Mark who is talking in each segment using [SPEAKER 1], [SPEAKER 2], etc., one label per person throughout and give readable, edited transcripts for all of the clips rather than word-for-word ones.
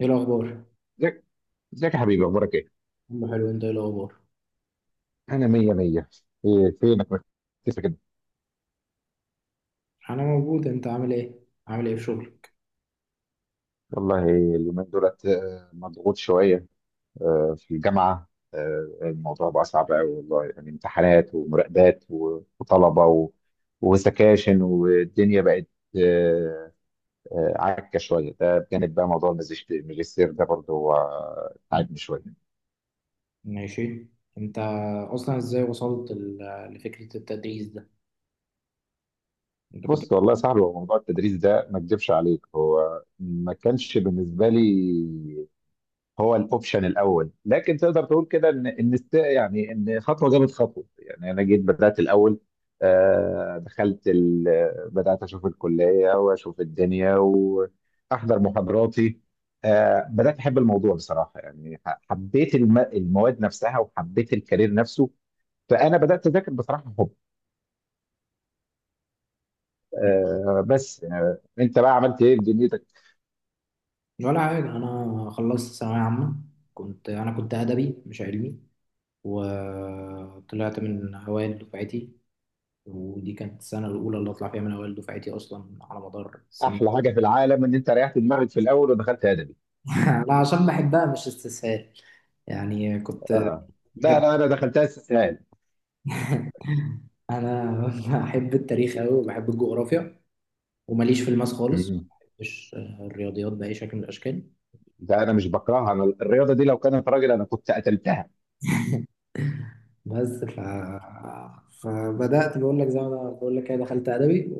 [SPEAKER 1] ايه الاخبار؟
[SPEAKER 2] ازيك ازيك يا حبيبي، اخبارك ايه؟
[SPEAKER 1] عم حلو. انت ايه الاخبار؟
[SPEAKER 2] انا مية مية. ايه فينك مختفي كده؟
[SPEAKER 1] انا موجود. انت عامل ايه في شغل؟
[SPEAKER 2] والله اليومين دولت مضغوط شوية. في الجامعة، الموضوع بقى صعب قوي، والله يعني، امتحانات ومراقبات وطلبة وسكاشن، والدنيا بقت آه، عكة شوية. ده بجانب بقى موضوع الماجستير ده برضه هو تعبني شوية.
[SPEAKER 1] ماشي. انت اصلا ازاي وصلت لفكره التدريس ده؟ انت كنت
[SPEAKER 2] بص والله يا صاحبي، هو موضوع التدريس ده ما اكدبش عليك، هو ما كانش بالنسبة لي هو الاوبشن الاول، لكن تقدر تقول كده يعني ان خطوه جابت خطوه، يعني انا جيت بدات الاول. بدات اشوف الكليه واشوف الدنيا واحضر محاضراتي. بدات احب الموضوع بصراحه، يعني حبيت المواد نفسها وحبيت الكارير نفسه. فانا بدات اذاكر بصراحه حب آه، بس انت بقى عملت ايه في دنيتك؟
[SPEAKER 1] ولا حاجه. انا خلصت ثانويه عامه. انا كنت ادبي مش علمي، وطلعت من اوائل دفعتي. ودي كانت السنه الاولى اللي اطلع فيها من اوائل دفعتي اصلا على مدار سنين.
[SPEAKER 2] احلى حاجه في العالم ان انت ريحت دماغك في الاول ودخلت ادبي.
[SPEAKER 1] لا، عشان بحبها مش استسهال. يعني كنت
[SPEAKER 2] اه. لا
[SPEAKER 1] بحب
[SPEAKER 2] لا، انا دخلتها استسهال.
[SPEAKER 1] انا بحب التاريخ قوي وبحب الجغرافيا، وماليش في الماس خالص، ما بحبش الرياضيات بأي شكل من الأشكال.
[SPEAKER 2] ده انا مش بكرهها، انا الرياضه دي لو كانت راجل انا كنت قتلتها.
[SPEAKER 1] بس فبدأت بقول لك، زي ما أنا بقول لك كده، دخلت أدبي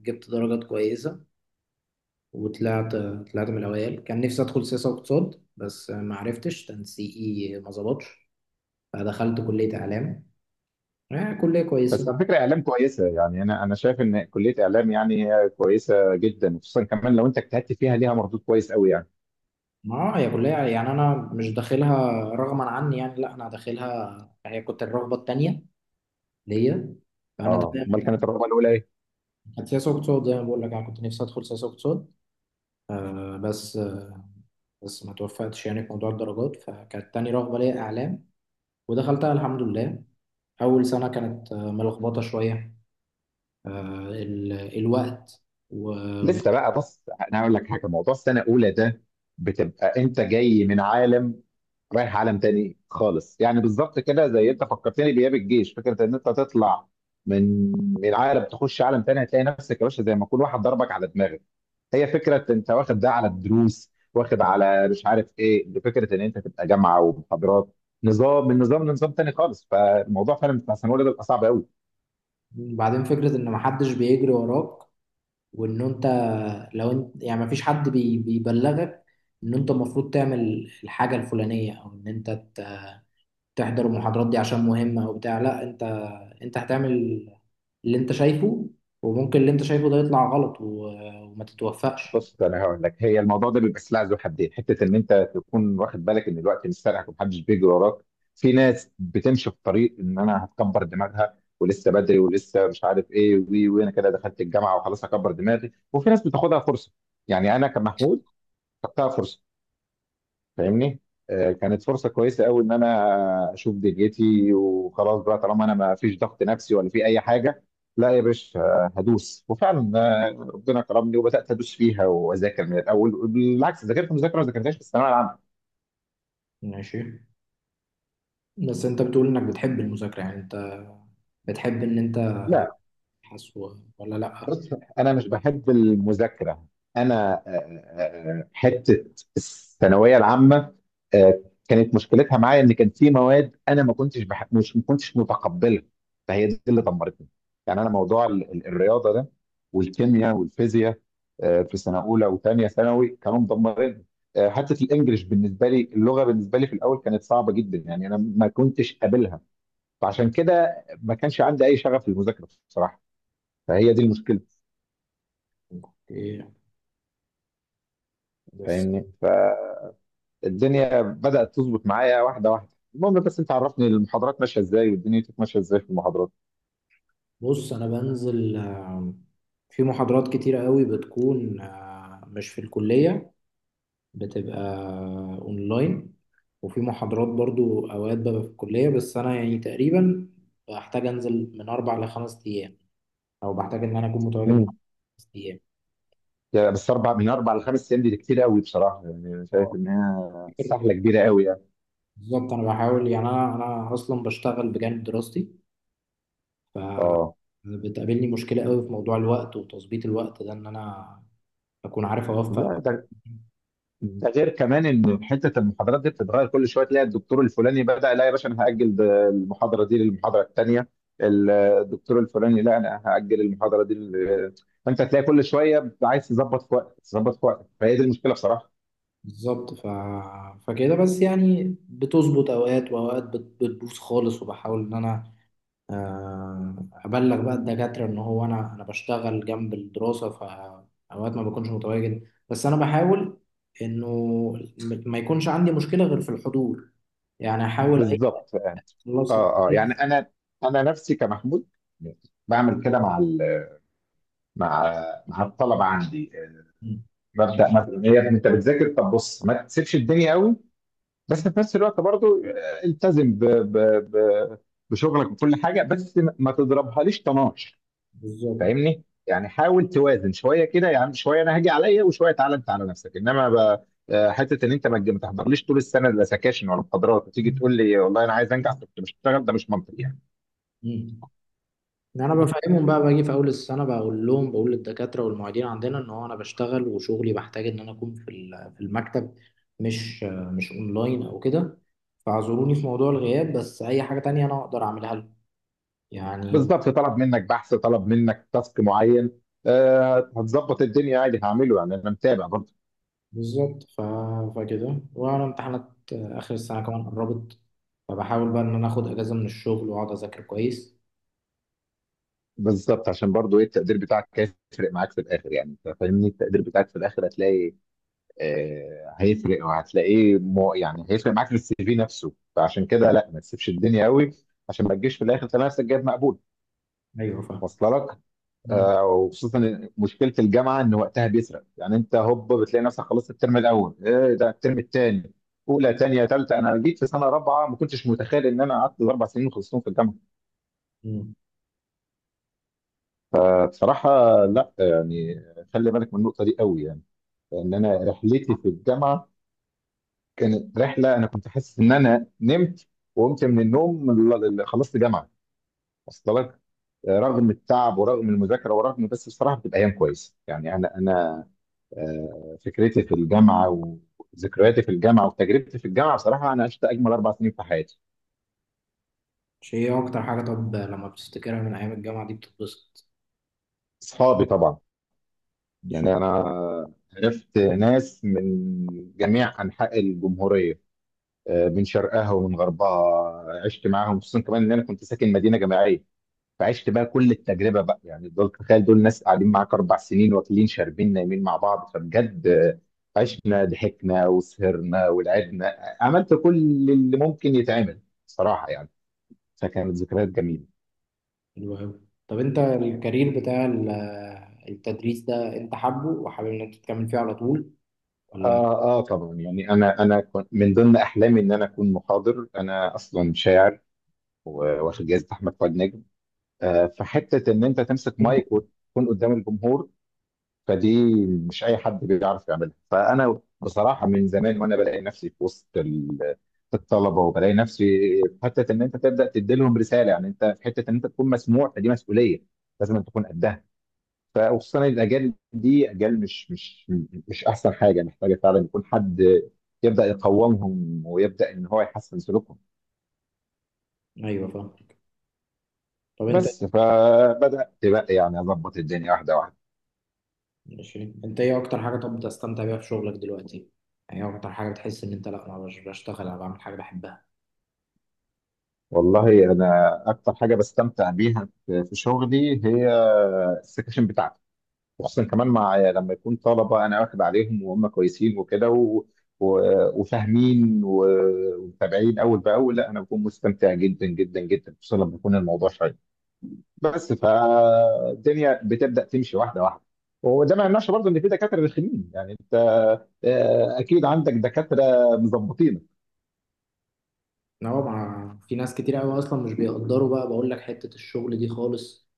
[SPEAKER 1] وجبت درجات كويسة. وطلعت من الأوائل. كان نفسي أدخل سياسة واقتصاد، بس ما عرفتش تنسيقي، ما ظبطش. فدخلت كلية إعلام. كلية
[SPEAKER 2] بس
[SPEAKER 1] كويسة.
[SPEAKER 2] على فكره، اعلام كويسه، يعني انا شايف ان كليه اعلام يعني هي كويسه جدا، خصوصا كمان لو انت اجتهدت فيها ليها مردود كويس قوي يعني.
[SPEAKER 1] ما هي كلية يعني، أنا مش داخلها رغما عني يعني، لا أنا داخلها، هي كنت الرغبة التانية ليا. فأنا
[SPEAKER 2] اه، امال
[SPEAKER 1] تمام.
[SPEAKER 2] كانت الرغبه الاولى ايه؟
[SPEAKER 1] كانت سياسة واقتصاد، زي ما بقول لك، أنا كنت نفسي أدخل سياسة واقتصاد. آه بس آه بس ما توفقتش يعني في موضوع الدرجات، فكانت تاني رغبة ليا إعلام، ودخلتها الحمد لله. أول سنة كانت ملخبطة شوية. آه ال الوقت. وبعدين،
[SPEAKER 2] لسه بقى، بص انا هقول لك حاجه. موضوع السنه الاولى ده بتبقى انت جاي من عالم رايح عالم تاني خالص، يعني بالظبط كده، زي، انت فكرتني بايام الجيش. فكره ان انت تطلع من من عالم تخش عالم تاني، هتلاقي نفسك يا باشا زي ما يكون واحد ضربك على دماغك. هي فكره انت واخد ده على الدروس، واخد على مش عارف ايه. فكره ان انت تبقى جامعه ومحاضرات، نظام من نظام لنظام تاني خالص، فالموضوع فعلا بتاع ثانويه ده بيبقى صعب قوي.
[SPEAKER 1] فكرة إن محدش بيجري وراك، وإن أنت لو أنت يعني مفيش حد بيبلغك إن أنت المفروض تعمل الحاجة الفلانية، أو إن أنت تحضر المحاضرات دي عشان مهمة او بتاع. لا، انت هتعمل اللي انت شايفه، وممكن اللي انت شايفه ده يطلع غلط وما تتوفقش.
[SPEAKER 2] بص انا هقول لك، هي الموضوع ده بيبقى سلاح ذو حدين، حته ان انت تكون واخد بالك ان الوقت مش سارقك ومحدش بيجري وراك. في ناس بتمشي في طريق ان انا هتكبر دماغها ولسه بدري ولسه مش عارف ايه، وانا كده دخلت الجامعه وخلاص هكبر دماغي، وفي ناس بتاخدها فرصه. يعني انا كمحمود خدتها فرصه. فاهمني؟ كانت فرصه كويسه قوي، ان انا اشوف دنيتي وخلاص بقى، طالما انا ما فيش ضغط نفسي ولا في اي حاجه. لا يا باشا، هدوس وفعلا. ربنا كرمني وبدات ادوس فيها واذاكر من الاول، بالعكس ذاكرت مذاكره ما ذاكرتهاش في الثانويه العامه.
[SPEAKER 1] ماشي. بس انت بتقول انك بتحب المذاكرة، يعني انت بتحب ان انت
[SPEAKER 2] لا.
[SPEAKER 1] تبحث ولا لا؟
[SPEAKER 2] بص، انا مش بحب المذاكره. انا حته الثانويه العامه آه، كانت مشكلتها معايا ان كان في مواد انا ما كنتش بحب، مش ما كنتش متقبلها، فهي دي اللي دمرتني. يعني انا موضوع الرياضه ده والكيمياء والفيزياء، في سنه اولى وثانيه ثانوي كانوا مدمرين. حته الانجليش بالنسبه لي، اللغه بالنسبه لي في الاول كانت صعبه جدا، يعني انا ما كنتش قابلها، فعشان كده ما كانش عندي اي شغف للمذاكره بصراحه، فهي دي المشكله.
[SPEAKER 1] ايه، بس.
[SPEAKER 2] فاهمني؟ فالدنيا بدأت تظبط معايا واحدة واحدة. المهم، بس انت عرفني المحاضرات ماشية ازاي والدنيا ماشية ازاي في المحاضرات.
[SPEAKER 1] بص، انا بنزل. في محاضرات كتيرة قوي بتكون مش في الكلية، بتبقى اونلاين. وفي محاضرات برضو اوقات ببقى في الكلية، بس انا يعني تقريبا بحتاج انزل من 4 لـ 5 ايام، او بحتاج ان انا اكون متواجد مع
[SPEAKER 2] امم.
[SPEAKER 1] 5 ايام.
[SPEAKER 2] يعني بس اربع، من اربع لخمس ايام دي كتير قوي بصراحة، يعني أنا
[SPEAKER 1] اه،
[SPEAKER 2] شايف انها
[SPEAKER 1] فاكر.
[SPEAKER 2] سحلة كبيرة قوي يعني.
[SPEAKER 1] بالظبط، انا بحاول، يعني انا اصلا بشتغل بجانب دراستي.
[SPEAKER 2] اه.
[SPEAKER 1] بتقابلني مشكله قوي في موضوع الوقت وتظبيط الوقت ده، ان انا اكون عارف اوفق.
[SPEAKER 2] لا، ده غير كمان ان حته المحاضرات دي بتتغير كل شويه، تلاقي الدكتور الفلاني بدأ، لا يا باشا انا هأجل المحاضرة دي للمحاضرة الثانية. الدكتور الفلاني، لا انا هأجل المحاضرة دي. فانت تلاقي كل شوية عايز تظبط في وقتك، تظبط في وقتك، فهي دي المشكلة بصراحة.
[SPEAKER 1] بالظبط. فكده بس، يعني بتظبط اوقات واوقات بتبوظ خالص. وبحاول ان انا آه، ابلغ بقى الدكاتره ان هو انا بشتغل جنب الدراسه، فاوقات ما بكونش متواجد. بس انا بحاول انه ما يكونش عندي مشكله غير في الحضور، يعني احاول اي
[SPEAKER 2] بالظبط. اه
[SPEAKER 1] خلاصه
[SPEAKER 2] اه، يعني
[SPEAKER 1] كويس.
[SPEAKER 2] انا نفسي كمحمود بعمل كده مع ال مع مع الطلبه عندي.
[SPEAKER 1] مم.
[SPEAKER 2] ببدا مثلا، إيه يا ابني انت بتذاكر؟ طب بص، ما تسيبش الدنيا قوي، بس في نفس الوقت برضو التزم ب ب ب بشغلك وكل حاجه، بس ما تضربهاليش طناش.
[SPEAKER 1] بالظبط.
[SPEAKER 2] فاهمني؟ يعني حاول توازن شويه كده، يعني شويه انا هاجي عليا وشويه تعالى انت على نفسك، انما حته ان انت ما تحضرليش طول السنه لا سكاشن ولا محاضرات وتيجي تقول لي والله انا عايز انجح كنت بشتغل، ده مش منطقي يعني.
[SPEAKER 1] مم. إن انا بفهمهم بقى، باجي في اول السنه بقول للدكاتره والمعيدين عندنا ان هو انا بشتغل، وشغلي بحتاج ان انا اكون في في المكتب، مش اونلاين او كده، فاعذروني في موضوع الغياب. بس اي حاجه تانية انا اقدر اعملها لكم، يعني.
[SPEAKER 2] بالظبط، طلب منك بحث، طلب منك تاسك معين، هتظبط الدنيا عادي، هعمله يعني انا متابع برضه.
[SPEAKER 1] بالظبط. فكده، وانا امتحانات اخر السنه كمان قربت، فبحاول بقى ان انا اخد اجازه من الشغل واقعد اذاكر كويس.
[SPEAKER 2] بالظبط، عشان برضه ايه، التقدير بتاعك هيفرق معاك في الاخر، يعني انت فاهمني، التقدير بتاعك في الاخر هتلاقي هيفرق، وهتلاقيه يعني هيفرق معاك في السي في نفسه، فعشان كده لا، ما تسيبش الدنيا قوي عشان ما تجيش في الاخر تلاقي نفسك جايب مقبول.
[SPEAKER 1] ايوه، فاهم.
[SPEAKER 2] واصله لك؟
[SPEAKER 1] مم.
[SPEAKER 2] وخصوصا مشكله الجامعه ان وقتها بيسرق، يعني انت هوب بتلاقي نفسك خلصت الترم الاول، ايه ده الترم الثاني، اولى ثانيه ثالثه، انا جيت في سنه رابعه، ما كنتش متخيل ان انا قعدت اربع سنين خلصتهم في الجامعه
[SPEAKER 1] مم.
[SPEAKER 2] بصراحه. لا يعني، خلي بالك من النقطه دي قوي يعني، لان انا رحلتي في الجامعه كانت رحله، انا كنت حاسس ان انا نمت وقمت من النوم خلصت جامعه. اصل لك؟ رغم التعب ورغم المذاكره ورغم، بس بصراحه بتبقى ايام كويسه يعني، انا فكرتي في الجامعه وذكرياتي في الجامعه وتجربتي في الجامعه، بصراحه انا عشت اجمل اربع سنين في حياتي.
[SPEAKER 1] شيء، إيه اكتر حاجه طب لما بتفتكرها من ايام الجامعه دي بتتبسط؟
[SPEAKER 2] اصحابي طبعا،
[SPEAKER 1] شيء.
[SPEAKER 2] يعني انا عرفت ناس من جميع انحاء الجمهوريه، من شرقها ومن غربها، عشت معاهم، خصوصا كمان ان انا كنت ساكن مدينه جامعيه، فعشت بقى كل التجربه بقى. يعني دول، تخيل، دول ناس قاعدين معاك اربع سنين واكلين شاربين نايمين مع بعض، فبجد عشنا ضحكنا وسهرنا ولعبنا، عملت كل اللي ممكن يتعمل صراحه يعني، فكانت ذكريات جميله.
[SPEAKER 1] حلو قوي. طب، انت الكارير بتاع التدريس ده، انت حابه وحابب ان انت تكمل فيه على طول، ولا؟
[SPEAKER 2] اه اه طبعا، يعني انا كنت من ضمن احلامي ان انا اكون محاضر. انا اصلا شاعر واخد جائزه احمد فؤاد نجم. فحته ان انت تمسك مايك وتكون قدام الجمهور، فدي مش اي حد بيعرف يعملها. فانا بصراحه من زمان وانا بلاقي نفسي في وسط الطلبه، وبلاقي نفسي في حته ان انت تبدا تدي لهم رساله، يعني انت في حته ان انت تكون مسموع، فدي مسؤوليه لازم أن تكون قدها. فخصوصا الاجيال دي اجيال مش احسن حاجه، محتاجه فعلا يكون حد يبدا يقومهم ويبدا ان هو يحسن سلوكهم.
[SPEAKER 1] ايوه، فاهم. طب
[SPEAKER 2] بس فبدات بقى يعني اظبط الدنيا واحده واحده.
[SPEAKER 1] ماشي. انت ايه اكتر حاجه، طب، بتستمتع بيها في شغلك دلوقتي؟ يعني ايه اكتر حاجه بتحس ان انت، لا انا مش بشتغل، انا بعمل حاجه بحبها.
[SPEAKER 2] والله انا اكتر حاجه بستمتع بيها في شغلي هي السكاشن بتاعتي، وخصوصا كمان مع لما يكون طلبه انا واخد عليهم وهم كويسين وكده وفاهمين ومتابعين اول باول، لا انا بكون مستمتع جدا جدا جدا، خصوصا لما يكون الموضوع شيق. بس فالدنيا بتبدا تمشي واحده واحده. وده ما يمنعش برضه ان في دكاتره رخمين، يعني انت اكيد عندك دكاتره مظبطينك.
[SPEAKER 1] ان هو في ناس كتير قوي اصلا مش بيقدروا بقى، بقول لك حته الشغل دي خالص.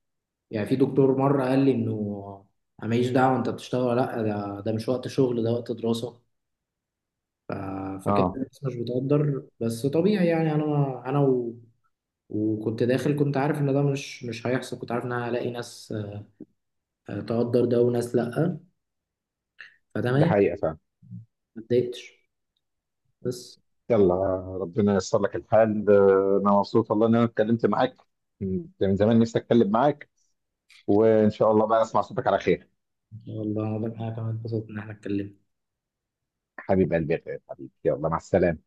[SPEAKER 1] يعني في دكتور مره قال لي انه انا ماليش دعوه، انت بتشتغل ولا لا، ده مش وقت شغل، ده وقت دراسه. ف... فكده
[SPEAKER 2] اه،
[SPEAKER 1] الناس مش بتقدر، بس طبيعي، يعني انا وكنت داخل كنت عارف ان ده مش هيحصل. كنت عارف ان انا هلاقي ناس تقدر ده وناس لا،
[SPEAKER 2] دي
[SPEAKER 1] فتمام.
[SPEAKER 2] حقيقه فعلا.
[SPEAKER 1] ما اتضايقتش، بس.
[SPEAKER 2] يلا، ربنا ييسر لك الحال. انا مبسوط والله ان انا اتكلمت معاك، كنت من زمان نفسي اتكلم معاك، وان شاء الله بقى اسمع صوتك على خير.
[SPEAKER 1] ان شاء الله، ده حاجه كمان اتبسطت ان احنا اتكلمنا.
[SPEAKER 2] حبيب قلبي يا غالي، حبيبي يلا مع السلامه.